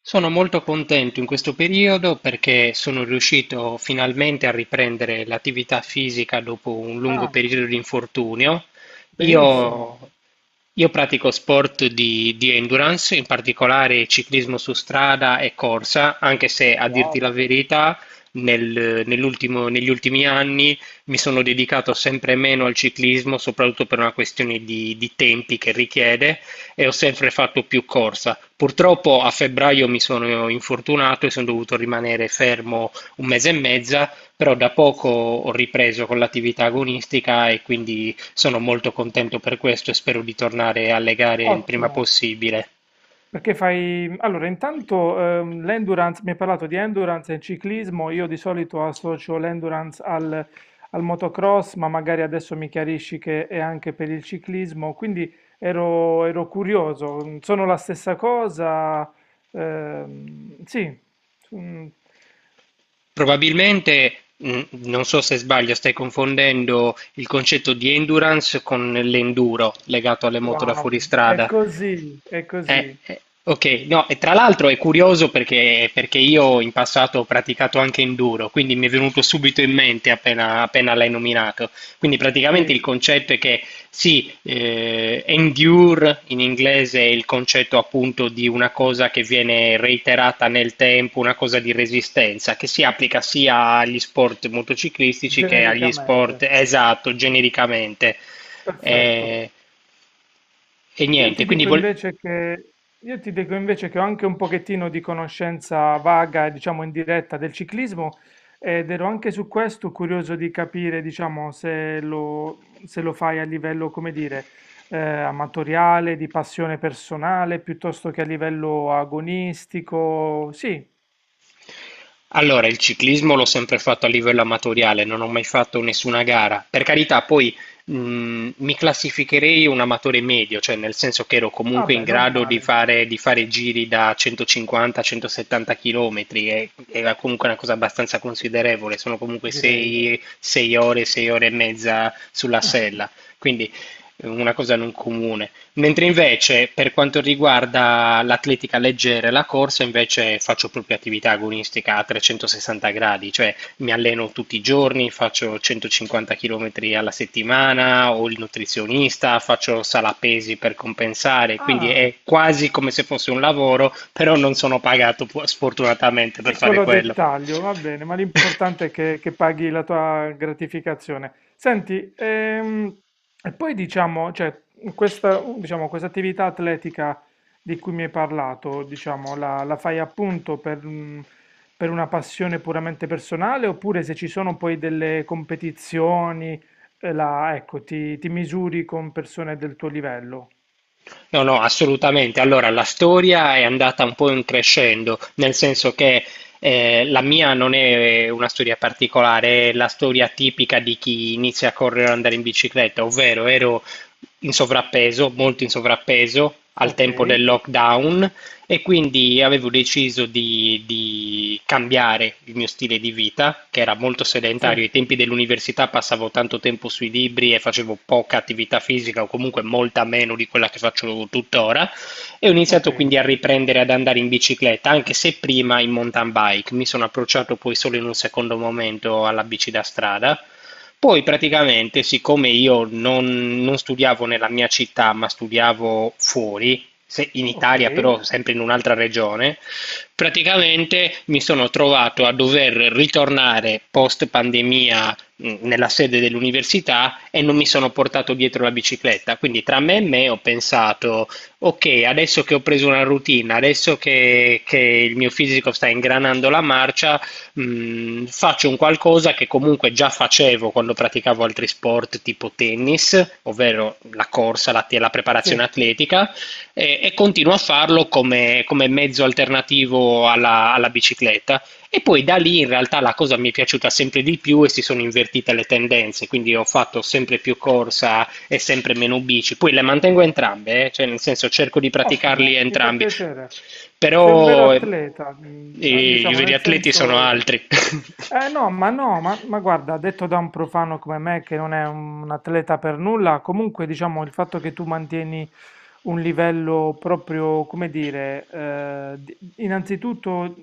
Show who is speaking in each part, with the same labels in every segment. Speaker 1: Sono molto contento in questo periodo perché sono riuscito finalmente a riprendere l'attività fisica dopo un lungo
Speaker 2: Ah,
Speaker 1: periodo di infortunio.
Speaker 2: benissimo,
Speaker 1: Io, io pratico sport di endurance, in particolare ciclismo su strada e corsa, anche se a dirti la
Speaker 2: wow,
Speaker 1: verità, negli ultimi anni mi sono dedicato sempre meno al ciclismo, soprattutto per una questione di tempi che richiede e ho sempre fatto più corsa. Purtroppo a febbraio mi sono infortunato e sono dovuto rimanere fermo un mese e mezza, però da poco ho ripreso con l'attività agonistica e quindi sono molto contento per questo e spero di tornare alle gare il prima
Speaker 2: ottimo.
Speaker 1: possibile.
Speaker 2: Allora, intanto l'endurance, mi hai parlato di endurance e ciclismo, io di solito associo l'endurance al motocross, ma magari adesso mi chiarisci che è anche per il ciclismo, quindi ero curioso, sono la stessa cosa? Sì, mm,
Speaker 1: Probabilmente, non so se sbaglio, stai confondendo il concetto di endurance con l'enduro legato alle moto da
Speaker 2: wow,
Speaker 1: fuoristrada.
Speaker 2: è così,
Speaker 1: Ok, no, e tra l'altro è curioso perché io in passato ho praticato anche enduro, quindi mi è venuto subito in mente appena l'hai nominato. Quindi praticamente il
Speaker 2: sì,
Speaker 1: concetto è che sì, endure in inglese è il concetto appunto di una cosa che viene reiterata nel tempo, una cosa di resistenza, che si applica sia agli sport motociclistici che agli sport,
Speaker 2: genericamente,
Speaker 1: esatto, genericamente.
Speaker 2: perfetto.
Speaker 1: Eh, e
Speaker 2: Io
Speaker 1: niente,
Speaker 2: ti
Speaker 1: quindi
Speaker 2: dico
Speaker 1: vol-
Speaker 2: invece che, io ti dico invece che ho anche un pochettino di conoscenza vaga, diciamo indiretta, del ciclismo ed ero anche su questo curioso di capire, diciamo, se lo fai a livello, come dire, amatoriale, di passione personale, piuttosto che a livello agonistico. Sì,
Speaker 1: Allora, il ciclismo l'ho sempre fatto a livello amatoriale, non ho mai fatto nessuna gara. Per carità, poi mi classificherei un amatore medio, cioè nel senso che ero comunque in
Speaker 2: vabbè, non
Speaker 1: grado
Speaker 2: male,
Speaker 1: di fare giri da 150-170 km, e, era comunque una cosa abbastanza considerevole, sono comunque
Speaker 2: direi.
Speaker 1: 6, ore, 6 ore e mezza sulla sella, quindi una cosa non comune. Mentre invece per quanto riguarda l'atletica leggera e la corsa, invece faccio proprio attività agonistica a 360 gradi, cioè mi alleno tutti i giorni, faccio 150 km alla settimana, ho il nutrizionista, faccio sala pesi per compensare, quindi
Speaker 2: Ah.
Speaker 1: è quasi come se fosse un lavoro, però non sono pagato sfortunatamente per fare
Speaker 2: Piccolo
Speaker 1: quello.
Speaker 2: dettaglio, va bene, ma l'importante è che paghi la tua gratificazione. Senti, e poi diciamo, cioè, questa, diciamo, questa attività atletica di cui mi hai parlato, diciamo, la fai appunto per una passione puramente personale, oppure se ci sono poi delle competizioni, ecco, ti misuri con persone del tuo livello?
Speaker 1: No, no, assolutamente. Allora, la storia è andata un po' in crescendo, nel senso che la mia non è una storia particolare, è la storia tipica di chi inizia a correre o andare in bicicletta, ovvero ero in sovrappeso, molto in sovrappeso al
Speaker 2: Ok,
Speaker 1: tempo del lockdown e quindi avevo deciso di cambiare il mio stile di vita, che era molto sedentario.
Speaker 2: sì,
Speaker 1: Ai tempi dell'università passavo tanto tempo sui libri e facevo poca attività fisica, o comunque molta meno di quella che faccio tuttora. E ho
Speaker 2: ok,
Speaker 1: iniziato quindi a riprendere ad andare in bicicletta, anche se prima in mountain bike. Mi sono approcciato poi solo in un secondo momento alla bici da strada. Poi praticamente, siccome io non studiavo nella mia città, ma studiavo fuori, in
Speaker 2: ok,
Speaker 1: Italia, però sempre in un'altra regione, praticamente mi sono trovato a dover ritornare post pandemia nella sede dell'università e non mi sono portato dietro la bicicletta. Quindi tra me e me ho pensato, ok, adesso che ho preso una routine, adesso che il mio fisico sta ingranando la marcia, faccio un qualcosa che comunque già facevo quando praticavo altri sport tipo tennis, ovvero la corsa, la preparazione
Speaker 2: sì.
Speaker 1: atletica e continuo a farlo come mezzo alternativo alla bicicletta. E poi da lì in realtà la cosa mi è piaciuta sempre di più e si sono invertite le tendenze, quindi ho fatto sempre più corsa e sempre meno bici. Poi le mantengo entrambe, cioè nel senso cerco di praticarli
Speaker 2: Ottimo, mi fa
Speaker 1: entrambi,
Speaker 2: piacere. Sei un vero
Speaker 1: però
Speaker 2: atleta,
Speaker 1: i
Speaker 2: diciamo
Speaker 1: veri
Speaker 2: nel
Speaker 1: atleti sono
Speaker 2: senso
Speaker 1: altri.
Speaker 2: eh no, ma no, ma guarda, detto da un profano come me che non è un atleta per nulla, comunque diciamo il fatto che tu mantieni un livello proprio, come dire, innanzitutto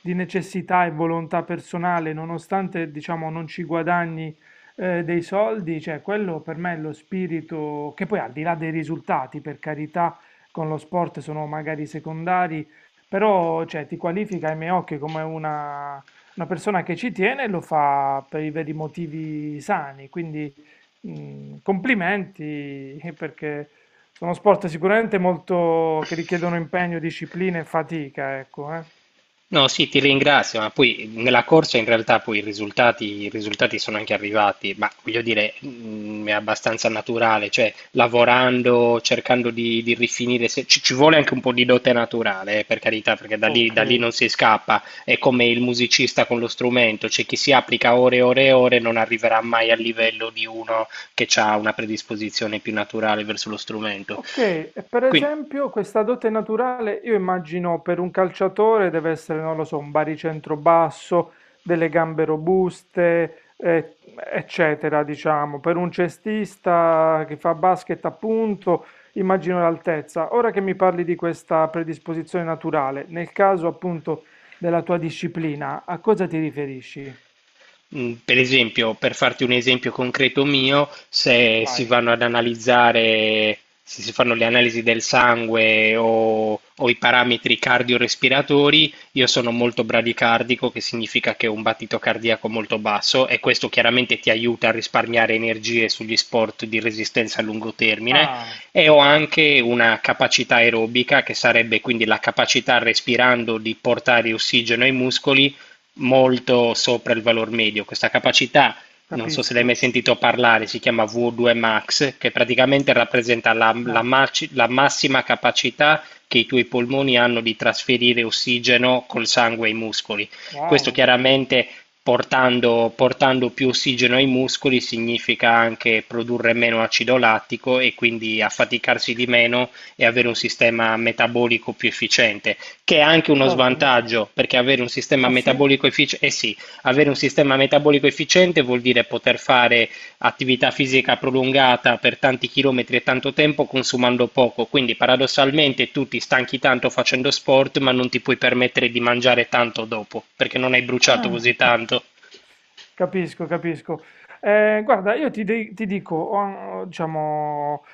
Speaker 2: di necessità e volontà personale, nonostante diciamo non ci guadagni dei soldi, cioè quello per me è lo spirito che poi al di là dei risultati, per carità, con lo sport sono magari secondari, però cioè, ti qualifica ai miei occhi come una persona che ci tiene lo fa per i veri motivi sani, quindi complimenti perché sono sport sicuramente molto che richiedono impegno, disciplina e fatica, ecco, eh.
Speaker 1: No, sì, ti ringrazio, ma poi nella corsa in realtà poi i risultati sono anche arrivati, ma voglio dire, è abbastanza naturale, cioè lavorando, cercando di rifinire, ci vuole anche un po' di dote naturale, per carità, perché
Speaker 2: Ok.
Speaker 1: da lì non si scappa, è come il musicista con lo strumento, cioè chi si applica ore e ore e ore non arriverà mai al livello di uno che ha una predisposizione più naturale verso lo strumento.
Speaker 2: Ok, e per
Speaker 1: Quindi
Speaker 2: esempio questa dote naturale, io immagino per un calciatore deve essere, non lo so, un baricentro basso, delle gambe robuste, eccetera, diciamo. Per un cestista che fa basket, appunto, immagino l'altezza. Ora che mi parli di questa predisposizione naturale, nel caso appunto della tua disciplina, a cosa ti riferisci?
Speaker 1: Mm, Per esempio, per farti un esempio concreto mio, se si
Speaker 2: Vai.
Speaker 1: vanno ad analizzare, se si fanno le analisi del sangue o i parametri cardiorespiratori, io sono molto bradicardico, che significa che ho un battito cardiaco molto basso e questo chiaramente ti aiuta a risparmiare energie sugli sport di resistenza a lungo termine
Speaker 2: Ah,
Speaker 1: e ho anche una capacità aerobica, che sarebbe quindi la capacità respirando di portare ossigeno ai muscoli molto sopra il valor medio. Questa capacità, non so se l'hai mai
Speaker 2: capisco.
Speaker 1: sentito parlare, si chiama V2 max, che praticamente rappresenta la, la
Speaker 2: No,
Speaker 1: maci- la massima capacità che i tuoi polmoni hanno di trasferire ossigeno col sangue ai muscoli. Questo
Speaker 2: wow.
Speaker 1: chiaramente portando più ossigeno ai muscoli significa anche produrre meno acido lattico e quindi affaticarsi di meno e avere un sistema metabolico più efficiente che è anche uno
Speaker 2: Guarda,
Speaker 1: svantaggio, perché avere un sistema
Speaker 2: ah sì?
Speaker 1: metabolico efficiente, eh sì, avere un sistema metabolico efficiente vuol dire poter fare attività fisica prolungata per tanti chilometri e tanto tempo consumando poco, quindi paradossalmente tu ti stanchi tanto facendo sport, ma non ti puoi permettere di mangiare tanto dopo, perché non hai bruciato
Speaker 2: Ah.
Speaker 1: così tanto.
Speaker 2: Capisco, capisco. Guarda, ti dico, ho, diciamo,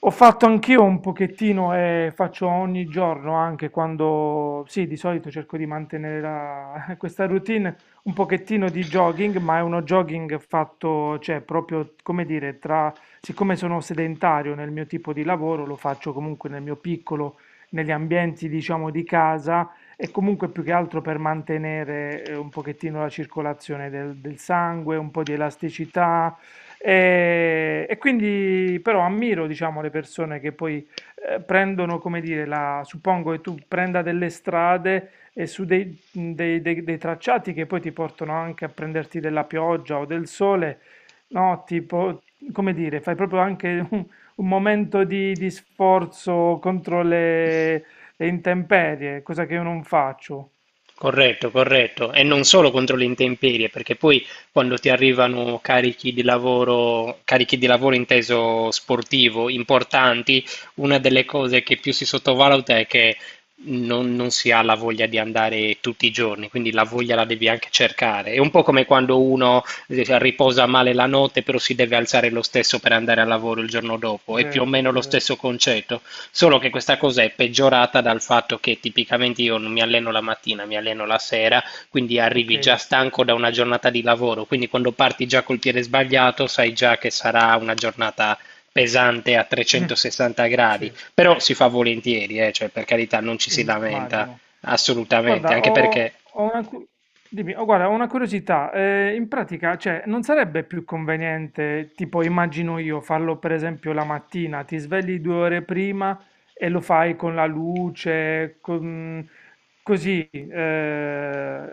Speaker 2: ho fatto anch'io un pochettino e faccio ogni giorno, anche quando, sì, di solito cerco di mantenere questa routine, un pochettino di jogging, ma è uno jogging fatto, cioè, proprio, come dire, siccome sono sedentario nel mio tipo di lavoro, lo faccio comunque nel mio piccolo, negli ambienti, diciamo, di casa e comunque più che altro per mantenere un pochettino la circolazione del sangue, un po' di elasticità e quindi però ammiro, diciamo, le persone che poi prendono, come dire, suppongo che tu prenda delle strade e su dei tracciati che poi ti portano anche a prenderti della pioggia o del sole, no? Tipo, come dire, fai proprio anche un momento di sforzo contro le intemperie, cosa che io non faccio,
Speaker 1: Corretto, corretto. E non solo contro le intemperie, perché poi quando ti arrivano carichi di lavoro inteso sportivo, importanti, una delle cose che più si sottovaluta è che non si ha la voglia di andare tutti i giorni, quindi la voglia la devi anche cercare. È un po' come quando uno riposa male la notte, però si deve alzare lo stesso per andare al lavoro il giorno dopo, è più o
Speaker 2: vero,
Speaker 1: meno lo
Speaker 2: vero,
Speaker 1: stesso concetto. Solo che questa cosa è peggiorata dal fatto che tipicamente io non mi alleno la mattina, mi alleno la sera, quindi
Speaker 2: ok,
Speaker 1: arrivi già stanco da una giornata di lavoro, quindi quando parti già col piede sbagliato sai già che sarà una giornata pesante a 360 gradi,
Speaker 2: sì,
Speaker 1: però si fa volentieri, cioè per carità non ci si lamenta
Speaker 2: immagino.
Speaker 1: assolutamente,
Speaker 2: Guarda,
Speaker 1: anche perché
Speaker 2: dimmi, oh, guarda, ho una curiosità. In pratica, cioè, non sarebbe più conveniente, tipo, immagino io, farlo per esempio la mattina, ti svegli 2 ore prima e lo fai con la luce, così,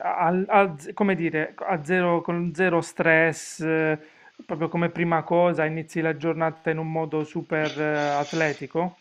Speaker 2: come dire, a zero, con zero stress, proprio come prima cosa, inizi la giornata in un modo super, atletico?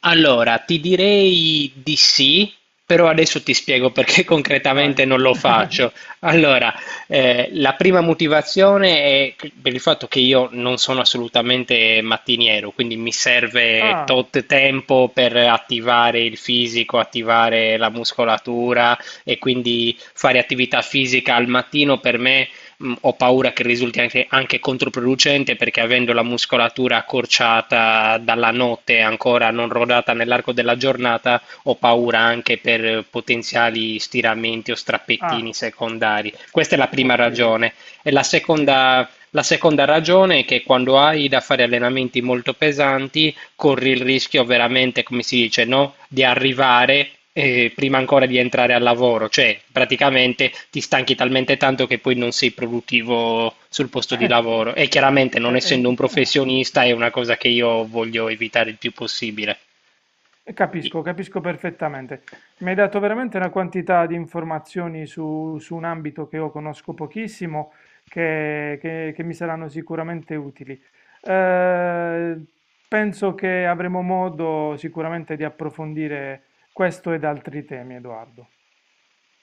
Speaker 1: Allora, ti direi di sì, però adesso ti spiego perché concretamente
Speaker 2: Vai.
Speaker 1: non lo faccio. Allora, la prima motivazione è per il fatto che io non sono assolutamente mattiniero, quindi mi serve
Speaker 2: Ah,
Speaker 1: tot tempo per attivare il fisico, attivare la muscolatura e quindi fare attività fisica al mattino per me ho paura che risulti anche, anche controproducente perché avendo la muscolatura accorciata dalla notte ancora non rodata nell'arco della giornata, ho paura anche per potenziali stiramenti o
Speaker 2: ah,
Speaker 1: strappettini secondari. Questa è la prima
Speaker 2: ok,
Speaker 1: ragione. E la
Speaker 2: sì.
Speaker 1: seconda, la seconda ragione è che quando hai da fare allenamenti molto pesanti, corri il rischio veramente, come si dice, no? Di arrivare prima ancora di entrare al lavoro, cioè praticamente ti stanchi talmente tanto che poi non sei produttivo sul posto di
Speaker 2: Eh,
Speaker 1: lavoro. E chiaramente, non
Speaker 2: ehm,
Speaker 1: essendo un professionista, è una cosa che io voglio evitare il più possibile. I-
Speaker 2: Capisco, capisco perfettamente. Mi hai dato veramente una quantità di informazioni su un ambito che io conosco pochissimo, che mi saranno sicuramente utili. Eh, Penso che avremo modo sicuramente di approfondire questo ed altri temi, Edoardo.